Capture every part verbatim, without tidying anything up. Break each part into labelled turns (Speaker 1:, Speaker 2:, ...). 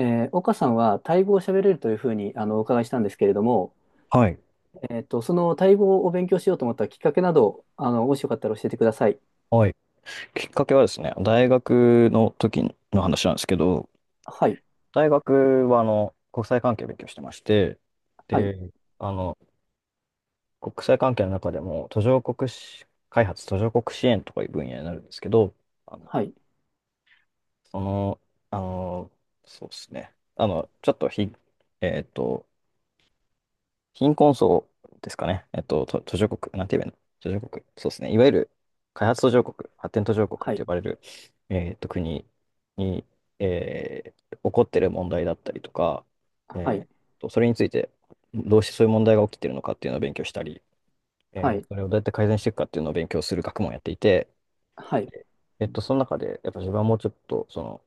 Speaker 1: えー岡さんはタイ語を喋れるというふうにあのお伺いしたんですけれども、
Speaker 2: はい。
Speaker 1: えっと、そのタイ語を勉強しようと思ったきっかけなど、あの、もしよかったら教えてください。
Speaker 2: はい。きっかけはですね、大学の時の話なんですけど、
Speaker 1: はい、
Speaker 2: 大学はあの国際関係を勉強してまして、
Speaker 1: はい、
Speaker 2: で、あの、国際関係の中でも途上国し開発、途上国支援とかいう分野になるんですけど、あの、
Speaker 1: はい、
Speaker 2: その、あの、そうですね、あの、ちょっとひ、えっと、貧困層ですかね。えっと、と途上国、なんて言えばいいの、途上国。そうですね。いわゆる開発途上国、発展途上国っ
Speaker 1: は
Speaker 2: て
Speaker 1: い、
Speaker 2: 呼ばれる、えっと、国に、えー起こってる問題だったりとか、
Speaker 1: はい、
Speaker 2: えーと、それについて、どうしてそういう問題が起きてるのかっていうのを勉強したり、え
Speaker 1: は
Speaker 2: ー
Speaker 1: い、
Speaker 2: それをどうやって改善していくかっていうのを勉強する学問をやっていて、
Speaker 1: はい、
Speaker 2: えっと、その中で、やっぱ自分はもうちょっと、その、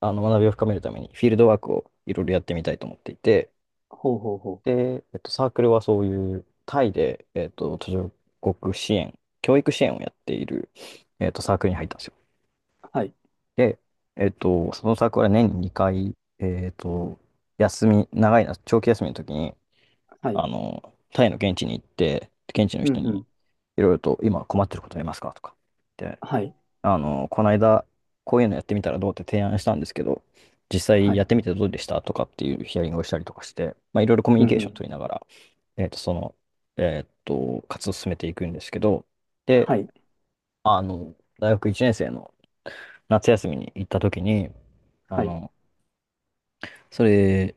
Speaker 2: あの学びを深めるために、フィールドワークをいろいろやってみたいと思っていて、
Speaker 1: ほうほうほ
Speaker 2: で、えっと、サークルはそういうタイで、えっと、途上国支援、教育支援をやっている、えっと、サークルに入ったんですよ。
Speaker 1: う、はい、
Speaker 2: で、えっと、そのサークルは年ににかい、えっと、休み、長いな、長期休みの時に、
Speaker 1: はい、
Speaker 2: あの、タイの現地に行って、現地の
Speaker 1: うん
Speaker 2: 人
Speaker 1: う
Speaker 2: に
Speaker 1: ん、
Speaker 2: いろいろと、今困ってることありますかとか。で、
Speaker 1: はい、
Speaker 2: あの、この間、こういうのやってみたらどうって提案したんですけど、実
Speaker 1: は
Speaker 2: 際や
Speaker 1: い、
Speaker 2: ってみてどうでしたとかっていうヒアリングをしたりとかして、まあ、いろいろコミュ
Speaker 1: う
Speaker 2: ニ
Speaker 1: んう
Speaker 2: ケーション
Speaker 1: ん、
Speaker 2: 取りながら、えっと、その、えっと、活動を進めていくんですけど、で、
Speaker 1: はい、
Speaker 2: あの、大学いちねん生の夏休みに行った時に、あ
Speaker 1: はい、
Speaker 2: の、それ、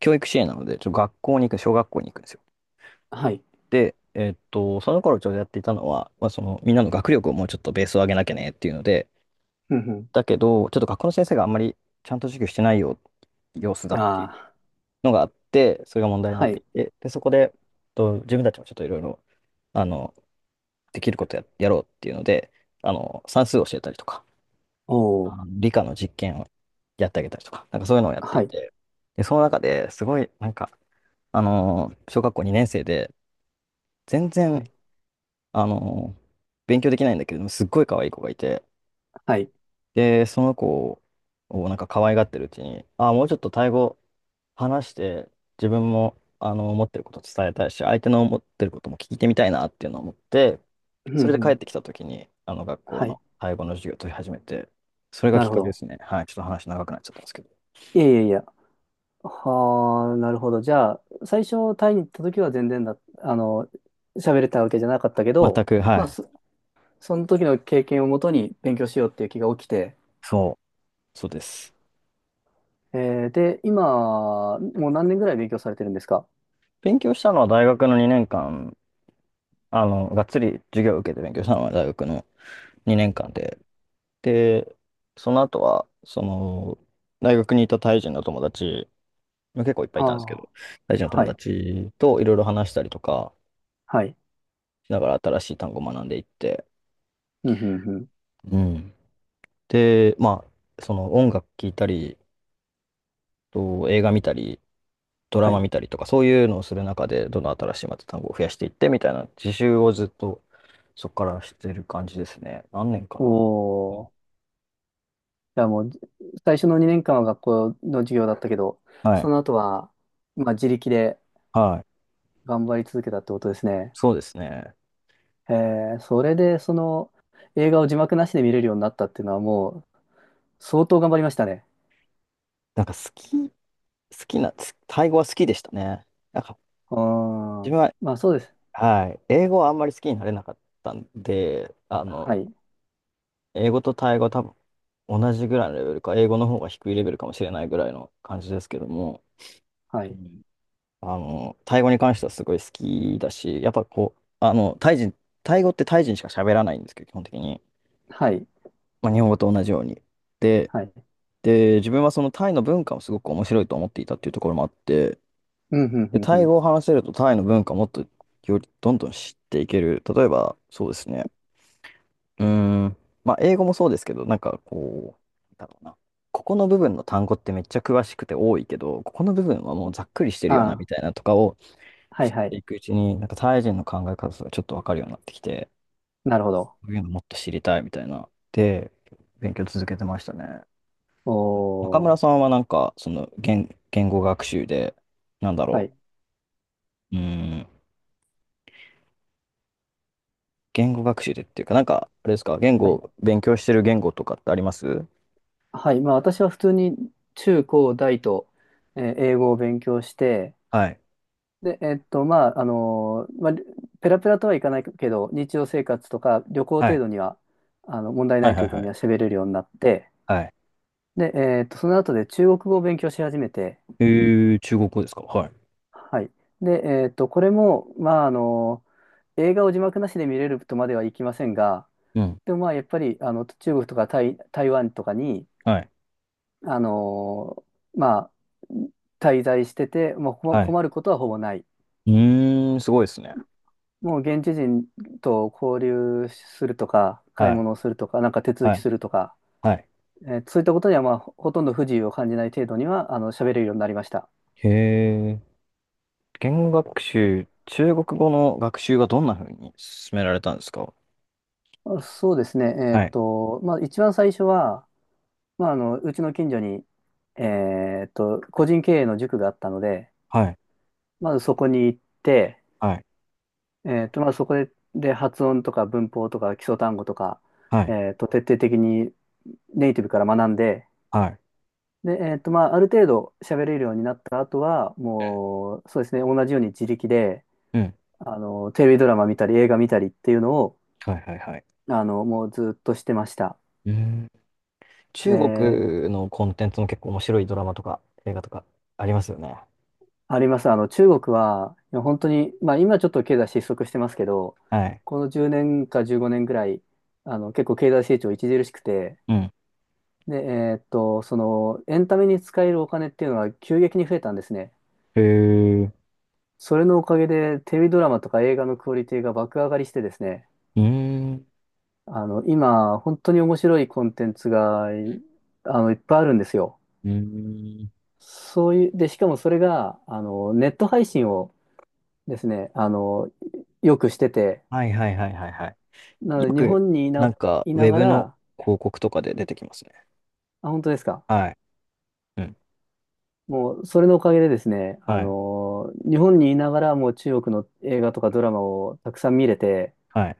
Speaker 2: 教育支援なので、ちょっと学校に行く、小学校に行くんですよ。
Speaker 1: はい、
Speaker 2: で、えっと、その頃ちょうどやっていたのは、まあ、その、みんなの学力をもうちょっとベースを上げなきゃねっていうので、
Speaker 1: うん
Speaker 2: だけど、ちょっと学校の先生があんまりちゃんと授業してないよ、様子だ
Speaker 1: うん、
Speaker 2: っていう
Speaker 1: あ
Speaker 2: のがあって、それが問
Speaker 1: あ、
Speaker 2: 題にな
Speaker 1: は
Speaker 2: ってい
Speaker 1: い、
Speaker 2: て、で、そこで、えっと自分たちもちょっといろいろ、あの、できることや、やろうっていうので、あの、算数を教えたりとか、
Speaker 1: お
Speaker 2: あ
Speaker 1: お、
Speaker 2: の理科の実験をやってあげたりとか、なんかそういうのをやってい
Speaker 1: はい、
Speaker 2: て、で、その中ですごい、なんか、あの小学校にねん生で、全
Speaker 1: は
Speaker 2: 然、
Speaker 1: い、
Speaker 2: あの勉強できないんだけれども、すっごい可愛い子がいて、
Speaker 1: はい、
Speaker 2: で、その子をなんか可愛がってるうちに、ああ、もうちょっとタイ語話して、自分もあの思ってること伝えたいし、相手の思ってることも聞いてみたいなっていうのを思って、
Speaker 1: うんう
Speaker 2: それで帰っ
Speaker 1: ん、
Speaker 2: てきた時にあの学校
Speaker 1: はい、
Speaker 2: のタイ語の授業を取り始めて、それが
Speaker 1: な
Speaker 2: きっ
Speaker 1: るほ
Speaker 2: かけで
Speaker 1: ど。
Speaker 2: すね。はい。ちょっと話長くなっちゃったんですけど。
Speaker 1: いやいやいや、はあ、なるほど。じゃあ、最初タイに行った時は全然だ、あの、喋れたわけじゃなかったけ
Speaker 2: 全
Speaker 1: ど、
Speaker 2: く、は
Speaker 1: まあ、
Speaker 2: い。
Speaker 1: そ、その時の経験をもとに勉強しようっていう気が起きて、
Speaker 2: そう、そうです。
Speaker 1: えーで、今、もう何年ぐらい勉強されてるんですか？
Speaker 2: 勉強したのは大学のにねんかん、あの、がっつり授業を受けて勉強したのは大学のにねんかん
Speaker 1: はい、
Speaker 2: で、で、その後は、その、大学にいたタイ人の友達、結構いっぱいいたんですけど、
Speaker 1: あ
Speaker 2: 大事
Speaker 1: あ、
Speaker 2: な友
Speaker 1: はい、
Speaker 2: 達といろいろ話したりとか
Speaker 1: はい、
Speaker 2: しながら新しい単語を学んでいって、
Speaker 1: うん、うん、うん、
Speaker 2: うん。で、まあ、その、音楽聴いたり、と映画見たり、ドラ
Speaker 1: は
Speaker 2: マ
Speaker 1: い。
Speaker 2: 見たりとか、そういうのをする中で、どんどん新しいまた単語を増やしていってみたいな自習をずっとそこからしてる感じですね。何年か
Speaker 1: お
Speaker 2: な。うん。
Speaker 1: お、じゃあもう、最初のにねんかんは学校の授業だったけど、
Speaker 2: はい。
Speaker 1: その後は、まあ、自力で
Speaker 2: はい。
Speaker 1: 頑張り続けたってことですね。
Speaker 2: そうですね。
Speaker 1: へえ、それでその映画を字幕なしで見れるようになったっていうのはもう相当頑張りましたね。
Speaker 2: なんか好き、好きな、つタイ語は好きでしたね。なんか
Speaker 1: うー
Speaker 2: 自
Speaker 1: ん。
Speaker 2: 分は、
Speaker 1: まあそうです。
Speaker 2: はい、英語はあんまり好きになれなかったんで、あの、
Speaker 1: はい。
Speaker 2: 英語とタイ語は多分同じぐらいのレベルか、英語の方が低いレベルかもしれないぐらいの感じですけども、
Speaker 1: は
Speaker 2: う
Speaker 1: い。
Speaker 2: ん、あの、タイ語に関してはすごい好きだし、やっぱこう、あの、タイ人、タイ語ってタイ人しか喋らないんですけど、基本的に。
Speaker 1: はい。
Speaker 2: まあ、日本語と同じように。で、
Speaker 1: はい。
Speaker 2: で、自分はそのタイの文化もすごく面白いと思っていたっていうところもあって、
Speaker 1: うん、うん、う
Speaker 2: で、
Speaker 1: ん、う
Speaker 2: タイ
Speaker 1: ん。
Speaker 2: 語を話せるとタイの文化をもっとよりどんどん知っていける。例えば、そうですね。うーん。まあ、英語もそうですけど、なんかこう、なんだろうな。ここの部分の単語ってめっちゃ詳しくて多いけど、ここの部分はもうざっくりしてるよな、
Speaker 1: あ
Speaker 2: みた
Speaker 1: あ、
Speaker 2: いなとかを
Speaker 1: は
Speaker 2: 知
Speaker 1: い、
Speaker 2: っ
Speaker 1: は
Speaker 2: て
Speaker 1: い。
Speaker 2: いくうちに、なんかタイ人の考え方とかちょっとわかるようになってきて、
Speaker 1: なるほど。
Speaker 2: こういうのもっと知りたいみたいな。で、勉強続けてましたね。中
Speaker 1: お
Speaker 2: 村さ
Speaker 1: ー。
Speaker 2: んはなんか、その言、言語学習で、なんだ
Speaker 1: は
Speaker 2: ろ
Speaker 1: い。
Speaker 2: う。うーん。言語学習でっていうか、なんか、あれですか、言
Speaker 1: はい。
Speaker 2: 語、勉強してる言語とかってあります？
Speaker 1: はい。まあ私は普通に中高大と、えー英語を勉強して、
Speaker 2: はい。
Speaker 1: で、えっと、まあ、あのーまあ、ペラペラとはいかないけど、日常生活とか旅行
Speaker 2: は
Speaker 1: 程
Speaker 2: い。
Speaker 1: 度には、あの、問題な
Speaker 2: はい
Speaker 1: い
Speaker 2: はい
Speaker 1: 程度
Speaker 2: は
Speaker 1: に
Speaker 2: い。
Speaker 1: は喋れるようになって、
Speaker 2: はい。
Speaker 1: で、えーっと、その後で中国語を勉強し始めて、
Speaker 2: えー、中国語ですか？はい。
Speaker 1: はい。で、えーっと、これも、まあ、あの、映画を字幕なしで見れるとまではいきませんが、
Speaker 2: うん。
Speaker 1: でもまあ、やっぱり、あの、中国とか台、台湾とかに、
Speaker 2: はい。
Speaker 1: あの、まあ、滞在してて、もうこ
Speaker 2: はい。
Speaker 1: 困ることはほぼない。
Speaker 2: うーん、すごいですね。
Speaker 1: もう現地人と交流するとか、買い
Speaker 2: はい。
Speaker 1: 物をするとか、なんか手続
Speaker 2: は
Speaker 1: き
Speaker 2: い。
Speaker 1: するとか、
Speaker 2: はい。
Speaker 1: えーそういったことには、まあ、ほとんど不自由を感じない程度には、あの、喋れるようになりました。
Speaker 2: へえ。言語学習、中国語の学習はどんな風に進められたんですか？
Speaker 1: あ、そうですね。えーっ
Speaker 2: はい。
Speaker 1: と、まあ、一番最初は、まあ、あの、うちの近所に、えーっと、個人経営の塾があったので、
Speaker 2: はい。
Speaker 1: まずそこに行って、
Speaker 2: はい。
Speaker 1: えーっと、まあ、そこで、で、発音とか文法とか基礎単語とか、
Speaker 2: はい。
Speaker 1: えーっと、徹底的にネイティブから学んで、
Speaker 2: はい。
Speaker 1: で、えーっと、まあ、ある程度喋れるようになった後は、もう、そうですね、同じように自力で、
Speaker 2: うん。
Speaker 1: あの、テレビドラマ見たり、映画見たりっていうのを、
Speaker 2: はいはいはい。
Speaker 1: あの、もうずっとしてました。
Speaker 2: うん。中国のコンテンツも結構面白いドラマとか映画とかありますよね。
Speaker 1: あります。あの、中国は、いや本当に、まあ今ちょっと経済失速してますけど、
Speaker 2: はい。
Speaker 1: このじゅうねんかじゅうごねんぐらい、あの、結構経済成長著しくて、
Speaker 2: うん。
Speaker 1: で、えーっと、その、エンタメに使えるお金っていうのは急激に増えたんですね。
Speaker 2: へえ。う
Speaker 1: それのおかげで、テレビドラマとか映画のクオリティが爆上がりしてですね、
Speaker 2: ーん。
Speaker 1: あの、今、本当に面白いコンテンツが、いあの、いっぱいあるんですよ。
Speaker 2: うーん。
Speaker 1: そういう、で、しかもそれが、あの、ネット配信をですね、あの、よくしてて、
Speaker 2: はいはいはいはいはい。
Speaker 1: なの
Speaker 2: よ
Speaker 1: で、日
Speaker 2: く、
Speaker 1: 本にい
Speaker 2: な
Speaker 1: な、
Speaker 2: んか、
Speaker 1: い
Speaker 2: ウ
Speaker 1: な
Speaker 2: ェ
Speaker 1: が
Speaker 2: ブの
Speaker 1: ら、
Speaker 2: 広告とかで出てきますね。
Speaker 1: あ、本当ですか。
Speaker 2: はい。うん。
Speaker 1: もう、それのおかげでですね、あ
Speaker 2: はい。
Speaker 1: のー日本にいながら、もう中国の映画とかドラマをたくさん見れて、
Speaker 2: はい。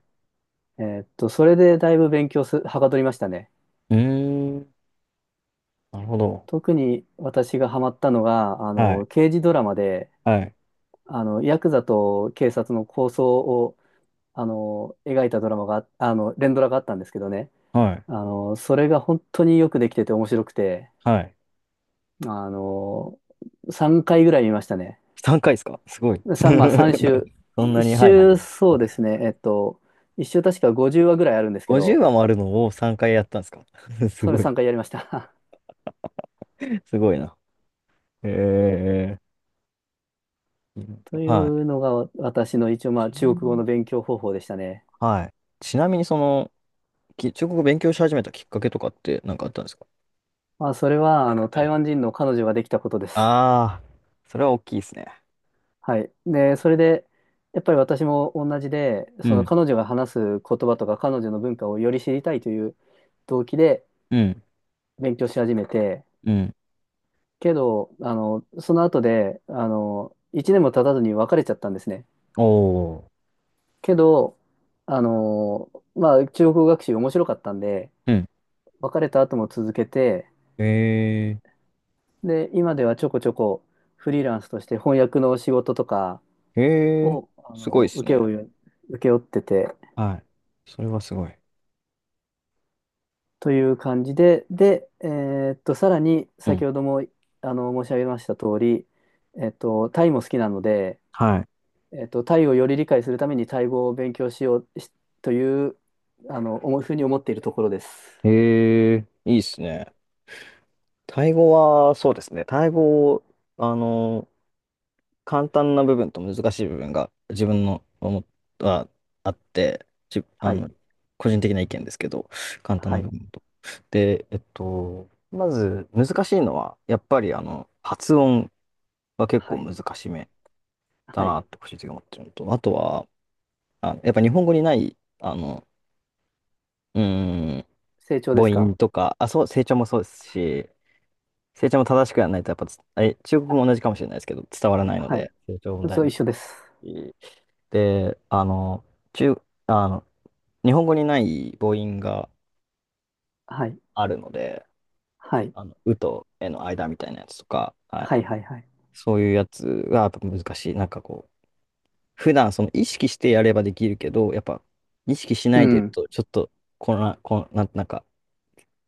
Speaker 1: えーっと、それでだいぶ勉強す、はかどりましたね。
Speaker 2: うーん。なるほど。
Speaker 1: 特に私がハマったのが、あ
Speaker 2: はい。
Speaker 1: の、刑事ドラマで、
Speaker 2: はい。
Speaker 1: あの、ヤクザと警察の抗争を、あの、描いたドラマが、あの、連ドラがあったんですけどね、
Speaker 2: はい。
Speaker 1: あの、それが本当によくできてて面白くて、
Speaker 2: はい。
Speaker 1: あの、さんかいぐらい見ましたね。
Speaker 2: さんかいですか、すごい。
Speaker 1: さ、まあさん週。
Speaker 2: そんな
Speaker 1: いっ
Speaker 2: に、はいはいはい。
Speaker 1: 週、そ
Speaker 2: わ
Speaker 1: う
Speaker 2: か
Speaker 1: で
Speaker 2: る。
Speaker 1: すね。えっと、いっ週確かごじゅうわぐらいあるんですけ
Speaker 2: 50
Speaker 1: ど、
Speaker 2: 話もあるのをさんかいやったんですか？ す
Speaker 1: それ
Speaker 2: ごい。
Speaker 1: さんかいやりました。
Speaker 2: すごいな。ええ、
Speaker 1: とい
Speaker 2: はい。
Speaker 1: うのが私の一応まあ
Speaker 2: ち
Speaker 1: 中
Speaker 2: なみ
Speaker 1: 国語
Speaker 2: に、
Speaker 1: の勉強方法でしたね。
Speaker 2: はい。ちなみに、その、き中国語勉強し始めたきっかけとかって何かあったんですか？
Speaker 1: まあそれはあの
Speaker 2: うん。
Speaker 1: 台湾人の彼女ができたことです。
Speaker 2: ああ、それは大きいですね。
Speaker 1: はい。で、それで、やっぱり私も同じで、
Speaker 2: う
Speaker 1: その
Speaker 2: ん。
Speaker 1: 彼女が話す言葉とか彼女の文化をより知りたいという動機で
Speaker 2: うん。
Speaker 1: 勉強し始めて、
Speaker 2: うん。
Speaker 1: けど、あの、その後で、あの、いちねんも経たずに別れちゃったんですね。
Speaker 2: おー。
Speaker 1: けど、あのーまあ、中国語学習面白かったんで、
Speaker 2: うん。
Speaker 1: 別れた後も続けて、
Speaker 2: え
Speaker 1: で、今ではちょこちょこフリーランスとして翻訳の仕事とか
Speaker 2: ー、えー、
Speaker 1: を、あ
Speaker 2: すごい
Speaker 1: の
Speaker 2: で
Speaker 1: ー
Speaker 2: す
Speaker 1: 請け
Speaker 2: ね。
Speaker 1: 負う、請け負ってて、
Speaker 2: はい。それはすごい。
Speaker 1: という感じで、で、えーっと、さらに
Speaker 2: うん。
Speaker 1: 先ほども、あの、申し上げました通り、えっと、タイも好きなので、
Speaker 2: は
Speaker 1: えっと、タイをより理解するためにタイ語を勉強しようしという、あの、思うふうに思っているところです。
Speaker 2: い。ええ、いいですね。タイ語は、そうですね。タイ語、あの、簡単な部分と難しい部分が自分の思ったあって、じ、あ
Speaker 1: はい、
Speaker 2: の、個人的な意見ですけど、簡単
Speaker 1: は
Speaker 2: な
Speaker 1: い、
Speaker 2: 部分と。で、えっと、まず難しいのは、やっぱりあの、発音は結構
Speaker 1: はい、
Speaker 2: 難しめだ
Speaker 1: は
Speaker 2: な
Speaker 1: い。
Speaker 2: って個人的に思ってるのと、あとは、あ、やっぱ日本語にない、あの、うーん、
Speaker 1: 成長
Speaker 2: 母
Speaker 1: ですか？
Speaker 2: 音とか、あ、そう、成長もそうですし、成長も正しくやらないと、やっぱつ、あれ、中国語も同じかもしれないですけど、伝わらないの
Speaker 1: はい。
Speaker 2: で、成長も大
Speaker 1: そう、
Speaker 2: め
Speaker 1: 一
Speaker 2: ちゃ
Speaker 1: 緒
Speaker 2: な
Speaker 1: で
Speaker 2: い
Speaker 1: す。
Speaker 2: し。で、あの、中、あの、日本語にない母音が
Speaker 1: はい。
Speaker 2: あるので、
Speaker 1: はい。
Speaker 2: あの、うとえの間みたいなやつとか、はい、
Speaker 1: はい、はい、はい。
Speaker 2: そういうやつがやっぱ難しい。なんかこう、普段その意識してやればできるけど、やっぱ意識し
Speaker 1: う
Speaker 2: ないでいる
Speaker 1: ん。
Speaker 2: と、ちょっと、こんな、こんな、なんか、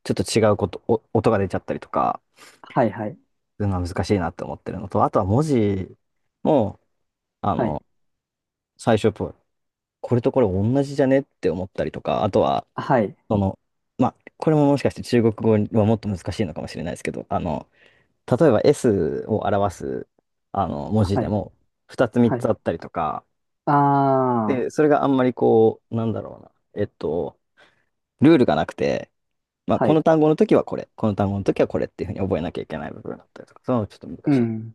Speaker 2: ちょっと違うこと、お音が出ちゃったりとか、
Speaker 1: はい、はい。
Speaker 2: そういうのは難しいなって思ってるのと、あとは文字も、あ
Speaker 1: はい。
Speaker 2: の、最初と、これとこれ同じじゃねって思ったりとか、あとは、
Speaker 1: はい。
Speaker 2: その、まあ、これももしかして中国語はもっと難しいのかもしれないですけど、あの、例えば S を表す、あの、文字
Speaker 1: は
Speaker 2: で
Speaker 1: い。
Speaker 2: も、ふたつ3
Speaker 1: はい。
Speaker 2: つあったりとか、
Speaker 1: ああ、
Speaker 2: で、それがあんまりこう、なんだろうな、えっと、ルールがなくて、まあ、
Speaker 1: は
Speaker 2: この
Speaker 1: い。
Speaker 2: 単語の時はこれ、この単語の時はこれっていうふうに覚えなきゃいけない部分だったりとか、そういうのちょっと難
Speaker 1: う
Speaker 2: しい。
Speaker 1: ん。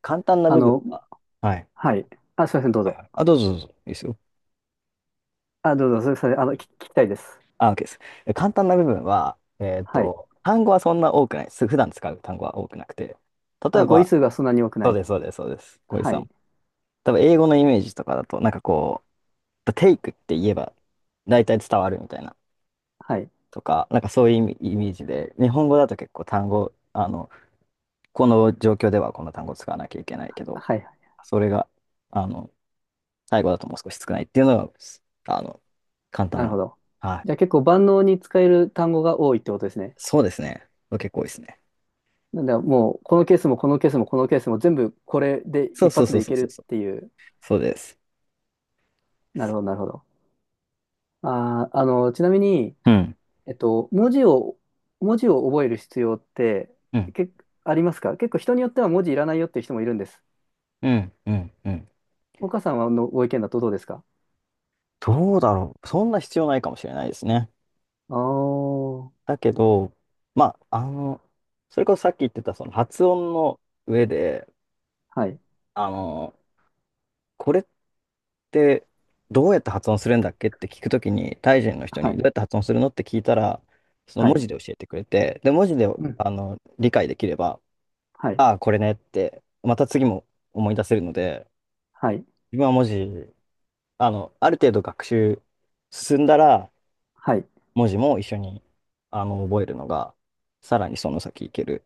Speaker 2: 簡単な
Speaker 1: あ
Speaker 2: 部分
Speaker 1: の、
Speaker 2: が、はい。
Speaker 1: はい。あ、すいません、どうぞ。
Speaker 2: あ、どうぞどうぞ。いいですよ。
Speaker 1: あ、どうぞ、それ、それ、あの、聞き聞きたいです。
Speaker 2: あ、OK です。え、簡単な部分は、えっ
Speaker 1: はい。
Speaker 2: と、単語はそんな多くないです。普段使う単語は多くなくて。例え
Speaker 1: あ、語彙
Speaker 2: ば、
Speaker 1: 数がそんなに多く
Speaker 2: そ
Speaker 1: な
Speaker 2: う
Speaker 1: い。
Speaker 2: です、そうです、そうです。小井
Speaker 1: は
Speaker 2: さ
Speaker 1: い。
Speaker 2: ん。多分、英語のイメージとかだと、なんかこう、take って言えば、大体伝わるみたいな、
Speaker 1: はい。
Speaker 2: とか、なんかそういうイメイメージで、日本語だと結構単語、あの、この状況ではこの単語を使わなきゃいけないけど、
Speaker 1: はい。
Speaker 2: それが、あの、最後だともう少し少ないっていうのが、あの、簡
Speaker 1: な
Speaker 2: 単
Speaker 1: る
Speaker 2: な。
Speaker 1: ほど。
Speaker 2: は
Speaker 1: じゃあ
Speaker 2: い。
Speaker 1: 結構万能に使える単語が多いってことですね。
Speaker 2: そうですね。結構多いですね。
Speaker 1: なんで、もう、このケースも、このケースも、このケースも、全部これで
Speaker 2: そう
Speaker 1: 一
Speaker 2: そう
Speaker 1: 発
Speaker 2: そう
Speaker 1: でい
Speaker 2: そう
Speaker 1: ける
Speaker 2: そうそう。
Speaker 1: っていう。
Speaker 2: そうです。
Speaker 1: なるほど、なるほど。あー、あの、ちなみに、
Speaker 2: うん、
Speaker 1: えっと、文字を、文字を覚える必要って、
Speaker 2: うん、
Speaker 1: け、ありますか？結構人によっては文字いらないよっていう人もいるんです。
Speaker 2: うん、うん、うん。
Speaker 1: 岡さんはのご意見だとどうですか？
Speaker 2: どうだろう。そんな必要ないかもしれないですね。
Speaker 1: ああー、
Speaker 2: だけど、まあ、あの、それこそさっき言ってたその発音の上で、
Speaker 1: はい、
Speaker 2: あの、これってどうやって発音するんだっけって聞くときに、タイ人の人
Speaker 1: は
Speaker 2: にど
Speaker 1: い、
Speaker 2: うやって発音するのって聞いたら、その
Speaker 1: は
Speaker 2: 文
Speaker 1: い、
Speaker 2: 字で教えてくれて、で、文字で、
Speaker 1: うん、
Speaker 2: あの、理解できれば、
Speaker 1: はい、
Speaker 2: ああ、これねって、また次も思い出せるので、
Speaker 1: はい、
Speaker 2: 自分は文字あの、ある程度学習進んだら、
Speaker 1: はい。
Speaker 2: 文字も一緒に、あの、覚えるのが、さらにその先いける、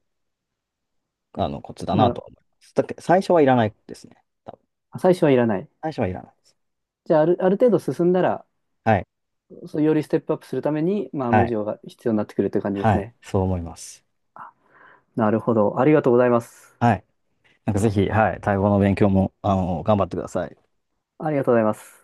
Speaker 2: あの、コツだ
Speaker 1: な
Speaker 2: なと
Speaker 1: る、
Speaker 2: は思います。だけど、最初はいらないですね。多分。
Speaker 1: 最初はいらない。
Speaker 2: 最初はいらないです。
Speaker 1: じゃあ、ある、ある程度進んだら、
Speaker 2: はい。
Speaker 1: そう、よりステップアップするために、まあ、
Speaker 2: は
Speaker 1: 文
Speaker 2: い。
Speaker 1: 字が必要になってくるという感じで
Speaker 2: は
Speaker 1: す
Speaker 2: い。
Speaker 1: ね。
Speaker 2: そう思います。
Speaker 1: なるほど。ありがとうございます。
Speaker 2: はい。なんかぜひ、はい、タイ語の勉強も、あの、頑張ってください。
Speaker 1: ありがとうございます。